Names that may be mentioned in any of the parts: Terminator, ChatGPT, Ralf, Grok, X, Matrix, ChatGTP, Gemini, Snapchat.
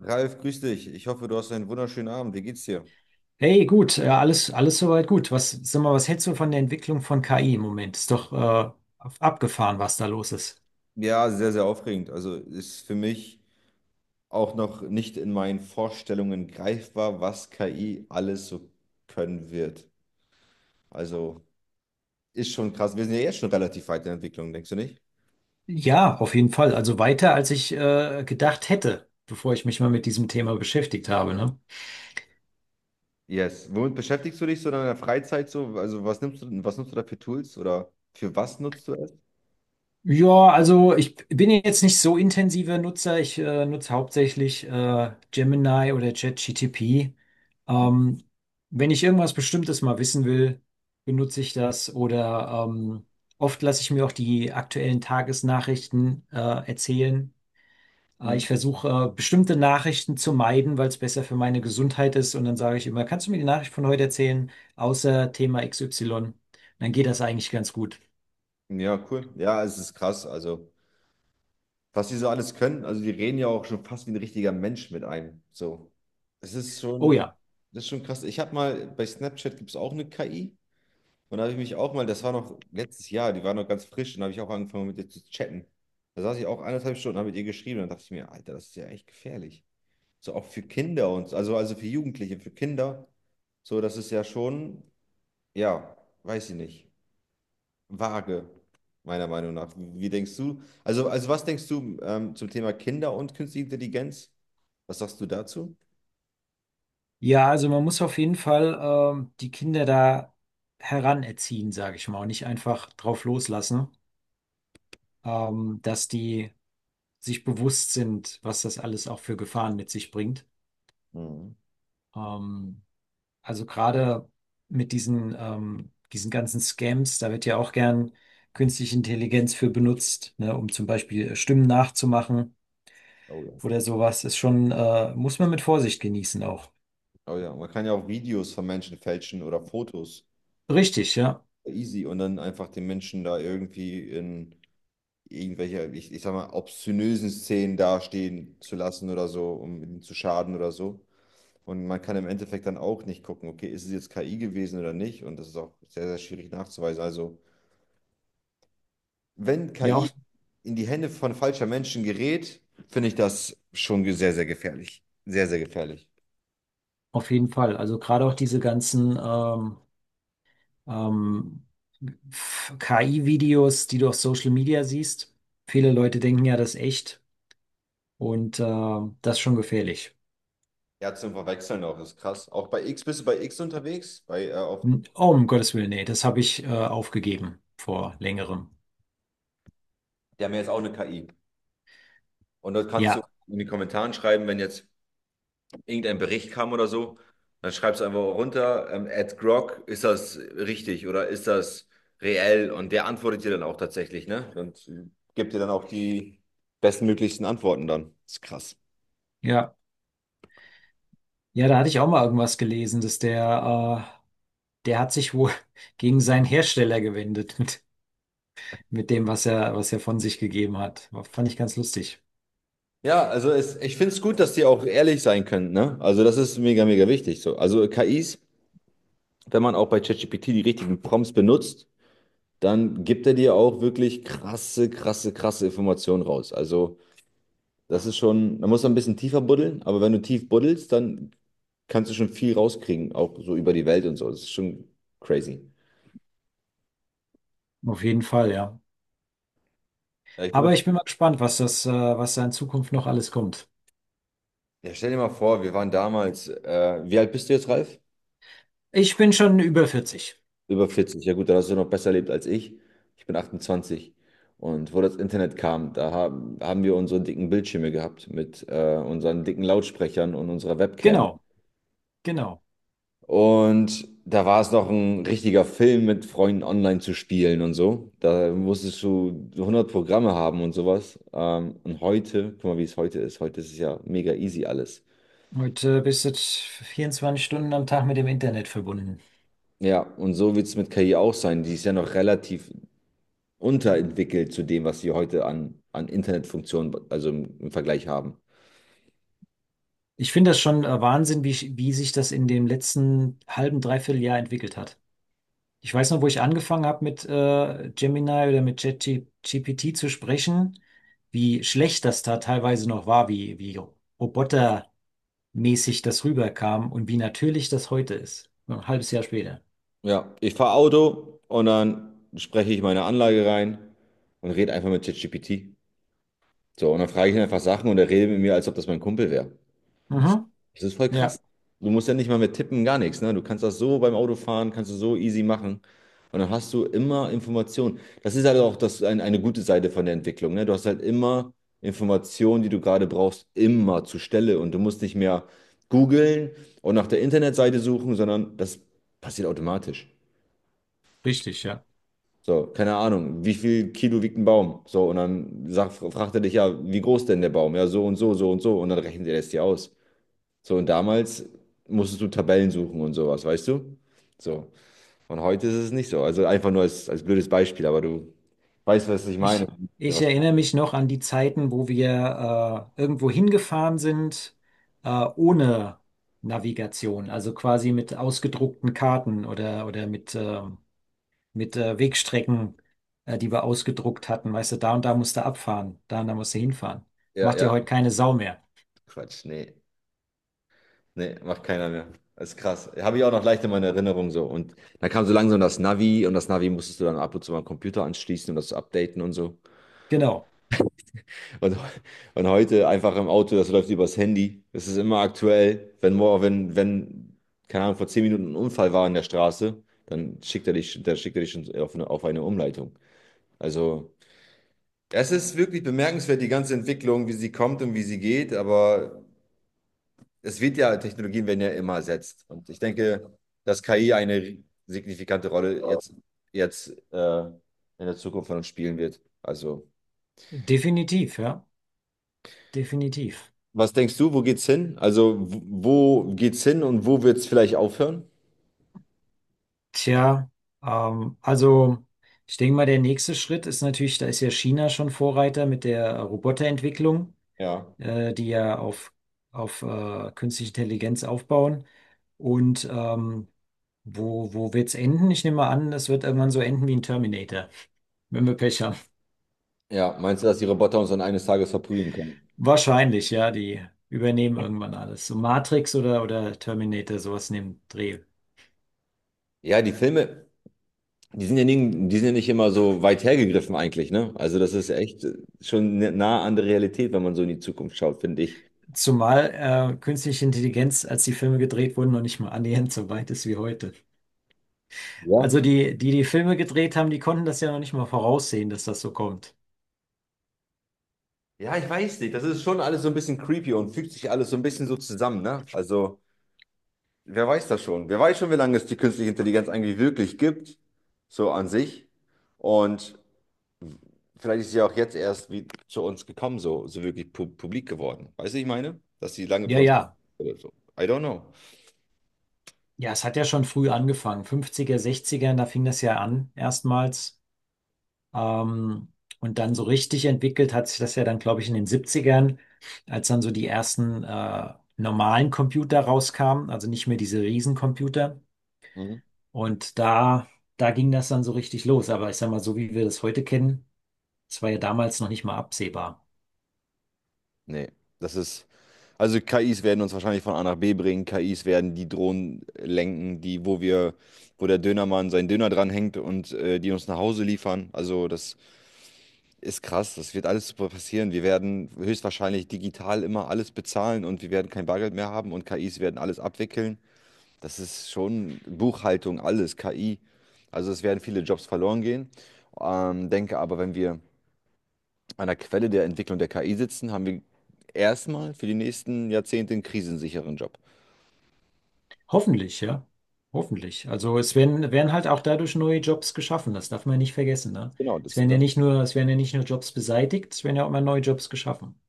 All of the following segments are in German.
Ralf, grüß dich. Ich hoffe, du hast einen wunderschönen Abend. Wie geht's dir? Hey, gut, alles, alles soweit gut. Was, sag mal, was hältst du von der Entwicklung von KI im Moment? Ist doch abgefahren, was da los ist. Ja, sehr, sehr aufregend. Also ist für mich auch noch nicht in meinen Vorstellungen greifbar, was KI alles so können wird. Also ist schon krass. Wir sind ja jetzt schon relativ weit in der Entwicklung, denkst du nicht? Ja, auf jeden Fall. Also weiter, als ich gedacht hätte, bevor ich mich mal mit diesem Thema beschäftigt habe, ne? Yes. Womit beschäftigst du dich so in deiner Freizeit so? Also was nimmst du, was nutzt du da für Tools oder für was nutzt du es? Ja, also ich bin jetzt nicht so intensiver Nutzer. Ich nutze hauptsächlich Gemini oder ChatGTP. Ähm, wenn ich irgendwas Bestimmtes mal wissen will, benutze ich das. Oder oft lasse ich mir auch die aktuellen Tagesnachrichten erzählen. Mhm. Ich versuche bestimmte Nachrichten zu meiden, weil es besser für meine Gesundheit ist. Und dann sage ich immer, kannst du mir die Nachricht von heute erzählen, außer Thema XY? Dann geht das eigentlich ganz gut. Ja, cool. Ja, es ist krass. Also was die so alles können. Also die reden ja auch schon fast wie ein richtiger Mensch mit einem. So, es ist Oh schon, ja. das ist schon krass. Ich habe mal, bei Snapchat gibt es auch eine KI, und da habe ich mich auch mal, das war noch letztes Jahr, die war noch ganz frisch, und da habe ich auch angefangen mit ihr zu chatten. Da saß ich auch 1,5 Stunden, habe mit ihr geschrieben, und dann dachte ich mir, Alter, das ist ja echt gefährlich. So auch für Kinder und so, also für Jugendliche, für Kinder. So, das ist ja schon, ja, weiß ich nicht, vage, meiner Meinung nach. Wie denkst du? Also was denkst du zum Thema Kinder und künstliche Intelligenz? Was sagst du dazu? Ja, also man muss auf jeden Fall die Kinder da heranerziehen, sage ich mal, und nicht einfach drauf loslassen, dass die sich bewusst sind, was das alles auch für Gefahren mit sich bringt. Mhm. Ähm, also gerade mit diesen ganzen Scams, da wird ja auch gern künstliche Intelligenz für benutzt, ne, um zum Beispiel Stimmen nachzumachen Oh ja. oder sowas. Ist schon, muss man mit Vorsicht genießen auch. Oh ja, man kann ja auch Videos von Menschen fälschen oder Fotos. Richtig, ja. Easy. Und dann einfach den Menschen da irgendwie in irgendwelche, ich sag mal, obszönösen Szenen dastehen zu lassen oder so, um ihnen zu schaden oder so. Und man kann im Endeffekt dann auch nicht gucken, okay, ist es jetzt KI gewesen oder nicht? Und das ist auch sehr, sehr schwierig nachzuweisen. Also, wenn Ja, auch KI in die Hände von falscher Menschen gerät, finde ich das schon sehr, sehr gefährlich. Sehr, sehr gefährlich. auf jeden Fall. Also gerade auch diese ganzen ähm, KI-Videos, die du auf Social Media siehst. Viele Leute denken ja, das ist echt und das ist schon gefährlich. Ja, zum Verwechseln auch, ist krass. Auch bei X, bist du bei X unterwegs? Bei, auf, Oh, um Gottes Willen, nee, das habe ich aufgegeben vor längerem. die haben ja jetzt auch eine KI. Und dort kannst du Ja, in die Kommentaren schreiben, wenn jetzt irgendein Bericht kam oder so, dann schreibst du einfach runter, at Grok, ist das richtig oder ist das reell? Und der antwortet dir dann auch tatsächlich, ne? Und gibt dir dann auch die bestmöglichsten Antworten dann. Ist krass. ja. Ja, da hatte ich auch mal irgendwas gelesen, dass der hat sich wohl gegen seinen Hersteller gewendet mit dem, was er von sich gegeben hat. Fand ich ganz lustig. Ja, also es, ich finde es gut, dass die auch ehrlich sein können, ne? Also das ist mega, mega wichtig so. Also KIs, wenn man auch bei ChatGPT die richtigen Prompts benutzt, dann gibt er dir auch wirklich krasse, krasse, krasse Informationen raus. Also das ist schon, man muss ein bisschen tiefer buddeln, aber wenn du tief buddelst, dann kannst du schon viel rauskriegen, auch so über die Welt und so. Das ist schon crazy. Auf jeden Fall, ja. Ja, ich Aber benutze, ich bin mal gespannt, was was da in Zukunft noch alles kommt. ja, stell dir mal vor, wir waren damals, wie alt bist du jetzt, Ralf? Ich bin schon über 40. Über 40, ja gut, da hast du noch besser erlebt als ich. Ich bin 28. Und wo das Internet kam, da haben wir unsere dicken Bildschirme gehabt mit unseren dicken Lautsprechern und unserer Webcam. Genau, genau. Und da war es noch ein richtiger Film mit Freunden online zu spielen und so. Da musstest du 100 Programme haben und sowas. Und heute, guck mal, wie es heute ist. Heute ist es ja mega easy alles. Heute bist du 24 Stunden am Tag mit dem Internet verbunden. Ja, und so wird es mit KI auch sein. Die ist ja noch relativ unterentwickelt zu dem, was sie heute an Internetfunktionen, also im Vergleich haben. Ich finde das schon Wahnsinn, wie sich das in dem letzten halben, dreiviertel Jahr entwickelt hat. Ich weiß noch, wo ich angefangen habe mit Gemini oder mit ChatGPT zu sprechen, wie schlecht das da teilweise noch war, wie robotermäßig das rüberkam und wie natürlich das heute ist. So ein halbes Jahr später. Ja, ich fahre Auto und dann spreche ich meine Anlage rein und rede einfach mit ChatGPT. So, und dann frage ich ihn einfach Sachen, und er redet mit mir, als ob das mein Kumpel wäre. Mhm. Das ist voll krass. Ja, Du musst ja nicht mal mit tippen, gar nichts, ne? Du kannst das so beim Autofahren, kannst du so easy machen. Und dann hast du immer Informationen. Das ist halt auch das, eine gute Seite von der Entwicklung, ne? Du hast halt immer Informationen, die du gerade brauchst, immer zur Stelle. Und du musst nicht mehr googeln und nach der Internetseite suchen, sondern das passiert automatisch. richtig, ja. So, keine Ahnung, wie viel Kilo wiegt ein Baum? So, und dann fragt er dich ja, wie groß denn der Baum? Ja, so und so, so und so. Und dann rechnet er das dir aus. So, und damals musstest du Tabellen suchen und sowas, weißt du? So. Und heute ist es nicht so. Also einfach nur als, als blödes Beispiel, aber du weißt, was ich meine. Ich, ich Was, erinnere mich noch an die Zeiten, wo wir irgendwo hingefahren sind, ohne Navigation, also quasi mit ausgedruckten Karten oder mit Wegstrecken, die wir ausgedruckt hatten. Weißt du, da und da musst du abfahren, da und da musst du hinfahren. ja, Macht ja ja, heute keine Sau mehr. Quatsch. Nee, nee, macht keiner mehr. Das ist krass. Habe ich auch noch leicht in meiner Erinnerung so. Und dann kam so langsam das Navi, und das Navi musstest du dann ab und zu mal am Computer anschließen und das updaten und so. Genau, Und, und heute einfach im Auto, das läuft übers Handy. Das ist immer aktuell. Wenn, mor- wenn, wenn, keine Ahnung, vor 10 Minuten ein Unfall war in der Straße, dann dann schickt er dich schon auf eine Umleitung. Also, es ist wirklich bemerkenswert, die ganze Entwicklung, wie sie kommt und wie sie geht, aber es wird ja, Technologien werden ja immer ersetzt. Und ich denke, dass KI eine signifikante Rolle jetzt in der Zukunft von uns spielen wird. Also definitiv, ja, definitiv. was denkst du, wo geht's hin? Also, wo geht's hin und wo wird's vielleicht aufhören? Tja, also ich denke mal, der nächste Schritt ist natürlich, da ist ja China schon Vorreiter mit der Roboterentwicklung, Ja. Die ja auf künstliche Intelligenz aufbauen. Und wo wird's enden? Ich nehme mal an, es wird irgendwann so enden wie ein Terminator, wenn wir Pech haben. Ja, meinst du, dass die Roboter uns dann eines Tages verprügeln können? Wahrscheinlich, ja, die übernehmen irgendwann alles. So Matrix oder Terminator, sowas in dem Dreh. Ja, die Filme, die sind ja nicht, die sind ja nicht immer so weit hergegriffen eigentlich, ne? Also, das ist echt schon nah an der Realität, wenn man so in die Zukunft schaut, finde ich. Zumal künstliche Intelligenz, als die Filme gedreht wurden, noch nicht mal annähernd so weit ist wie heute. Ja. Also die die Filme gedreht haben, die konnten das ja noch nicht mal voraussehen, dass das so kommt. Ja, ich weiß nicht. Das ist schon alles so ein bisschen creepy und fügt sich alles so ein bisschen so zusammen, ne? Also, wer weiß das schon? Wer weiß schon, wie lange es die künstliche Intelligenz eigentlich wirklich gibt, so an sich. Und vielleicht ist sie auch jetzt erst wie zu uns gekommen, so, so wirklich pu publik geworden. Weißt du, ich meine? Dass sie lange Ja, für uns ja. oder so. I don't know. Ja, es hat ja schon früh angefangen. 50er, 60er, da fing das ja an, erstmals. Ähm, und dann so richtig entwickelt hat sich das ja dann, glaube ich, in den 70ern, als dann so die ersten normalen Computer rauskamen, also nicht mehr diese Riesencomputer. Mhm. Und da, da ging das dann so richtig los. Aber ich sag mal, so wie wir das heute kennen, das war ja damals noch nicht mal absehbar. Nee, das ist. Also KIs werden uns wahrscheinlich von A nach B bringen. KIs werden die Drohnen lenken, die, wo der Dönermann seinen Döner dranhängt und die uns nach Hause liefern. Also das ist krass. Das wird alles super passieren. Wir werden höchstwahrscheinlich digital immer alles bezahlen, und wir werden kein Bargeld mehr haben, und KIs werden alles abwickeln. Das ist schon Buchhaltung, alles, KI. Also es werden viele Jobs verloren gehen. Denke aber, wenn wir an der Quelle der Entwicklung der KI sitzen, haben wir erstmal für die nächsten Jahrzehnte einen krisensicheren Job. Hoffentlich, ja. Hoffentlich. Also es werden, werden halt auch dadurch neue Jobs geschaffen. Das darf man ja nicht vergessen, ne? Genau, Es das, werden ja das. nicht nur, es werden ja nicht nur Jobs beseitigt, es werden ja auch mal neue Jobs geschaffen.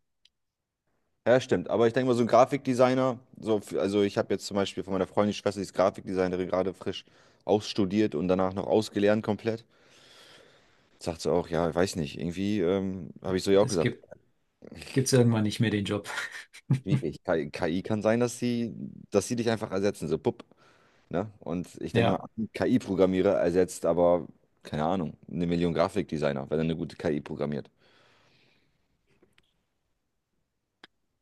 Ja, stimmt. Aber ich denke mal, so ein Grafikdesigner, so, also ich habe jetzt zum Beispiel von meiner Freundin die Schwester, die ist Grafikdesignerin, gerade frisch ausstudiert und danach noch ausgelernt komplett. Sagt sie auch, ja, ich weiß nicht, irgendwie habe ich so ja auch Das gesagt, gibt's irgendwann nicht mehr den Job. schwierig. KI kann sein, dass sie dich einfach ersetzen, so pupp. Ne? Und ich denke Ja. mal, ein KI-Programmierer ersetzt aber, keine Ahnung, 1 Million Grafikdesigner, wenn er eine gute KI programmiert.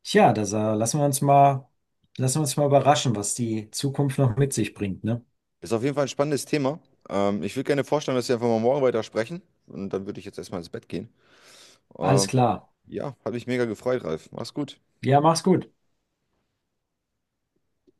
Tja, lassen wir uns mal überraschen, was die Zukunft noch mit sich bringt, ne? Ist auf jeden Fall ein spannendes Thema. Ich würde gerne vorstellen, dass wir einfach mal morgen weiter sprechen. Und dann würde ich jetzt erstmal ins Bett gehen. Alles Ähm, klar. ja, hat mich mega gefreut, Ralf. Mach's gut. Ja, mach's gut.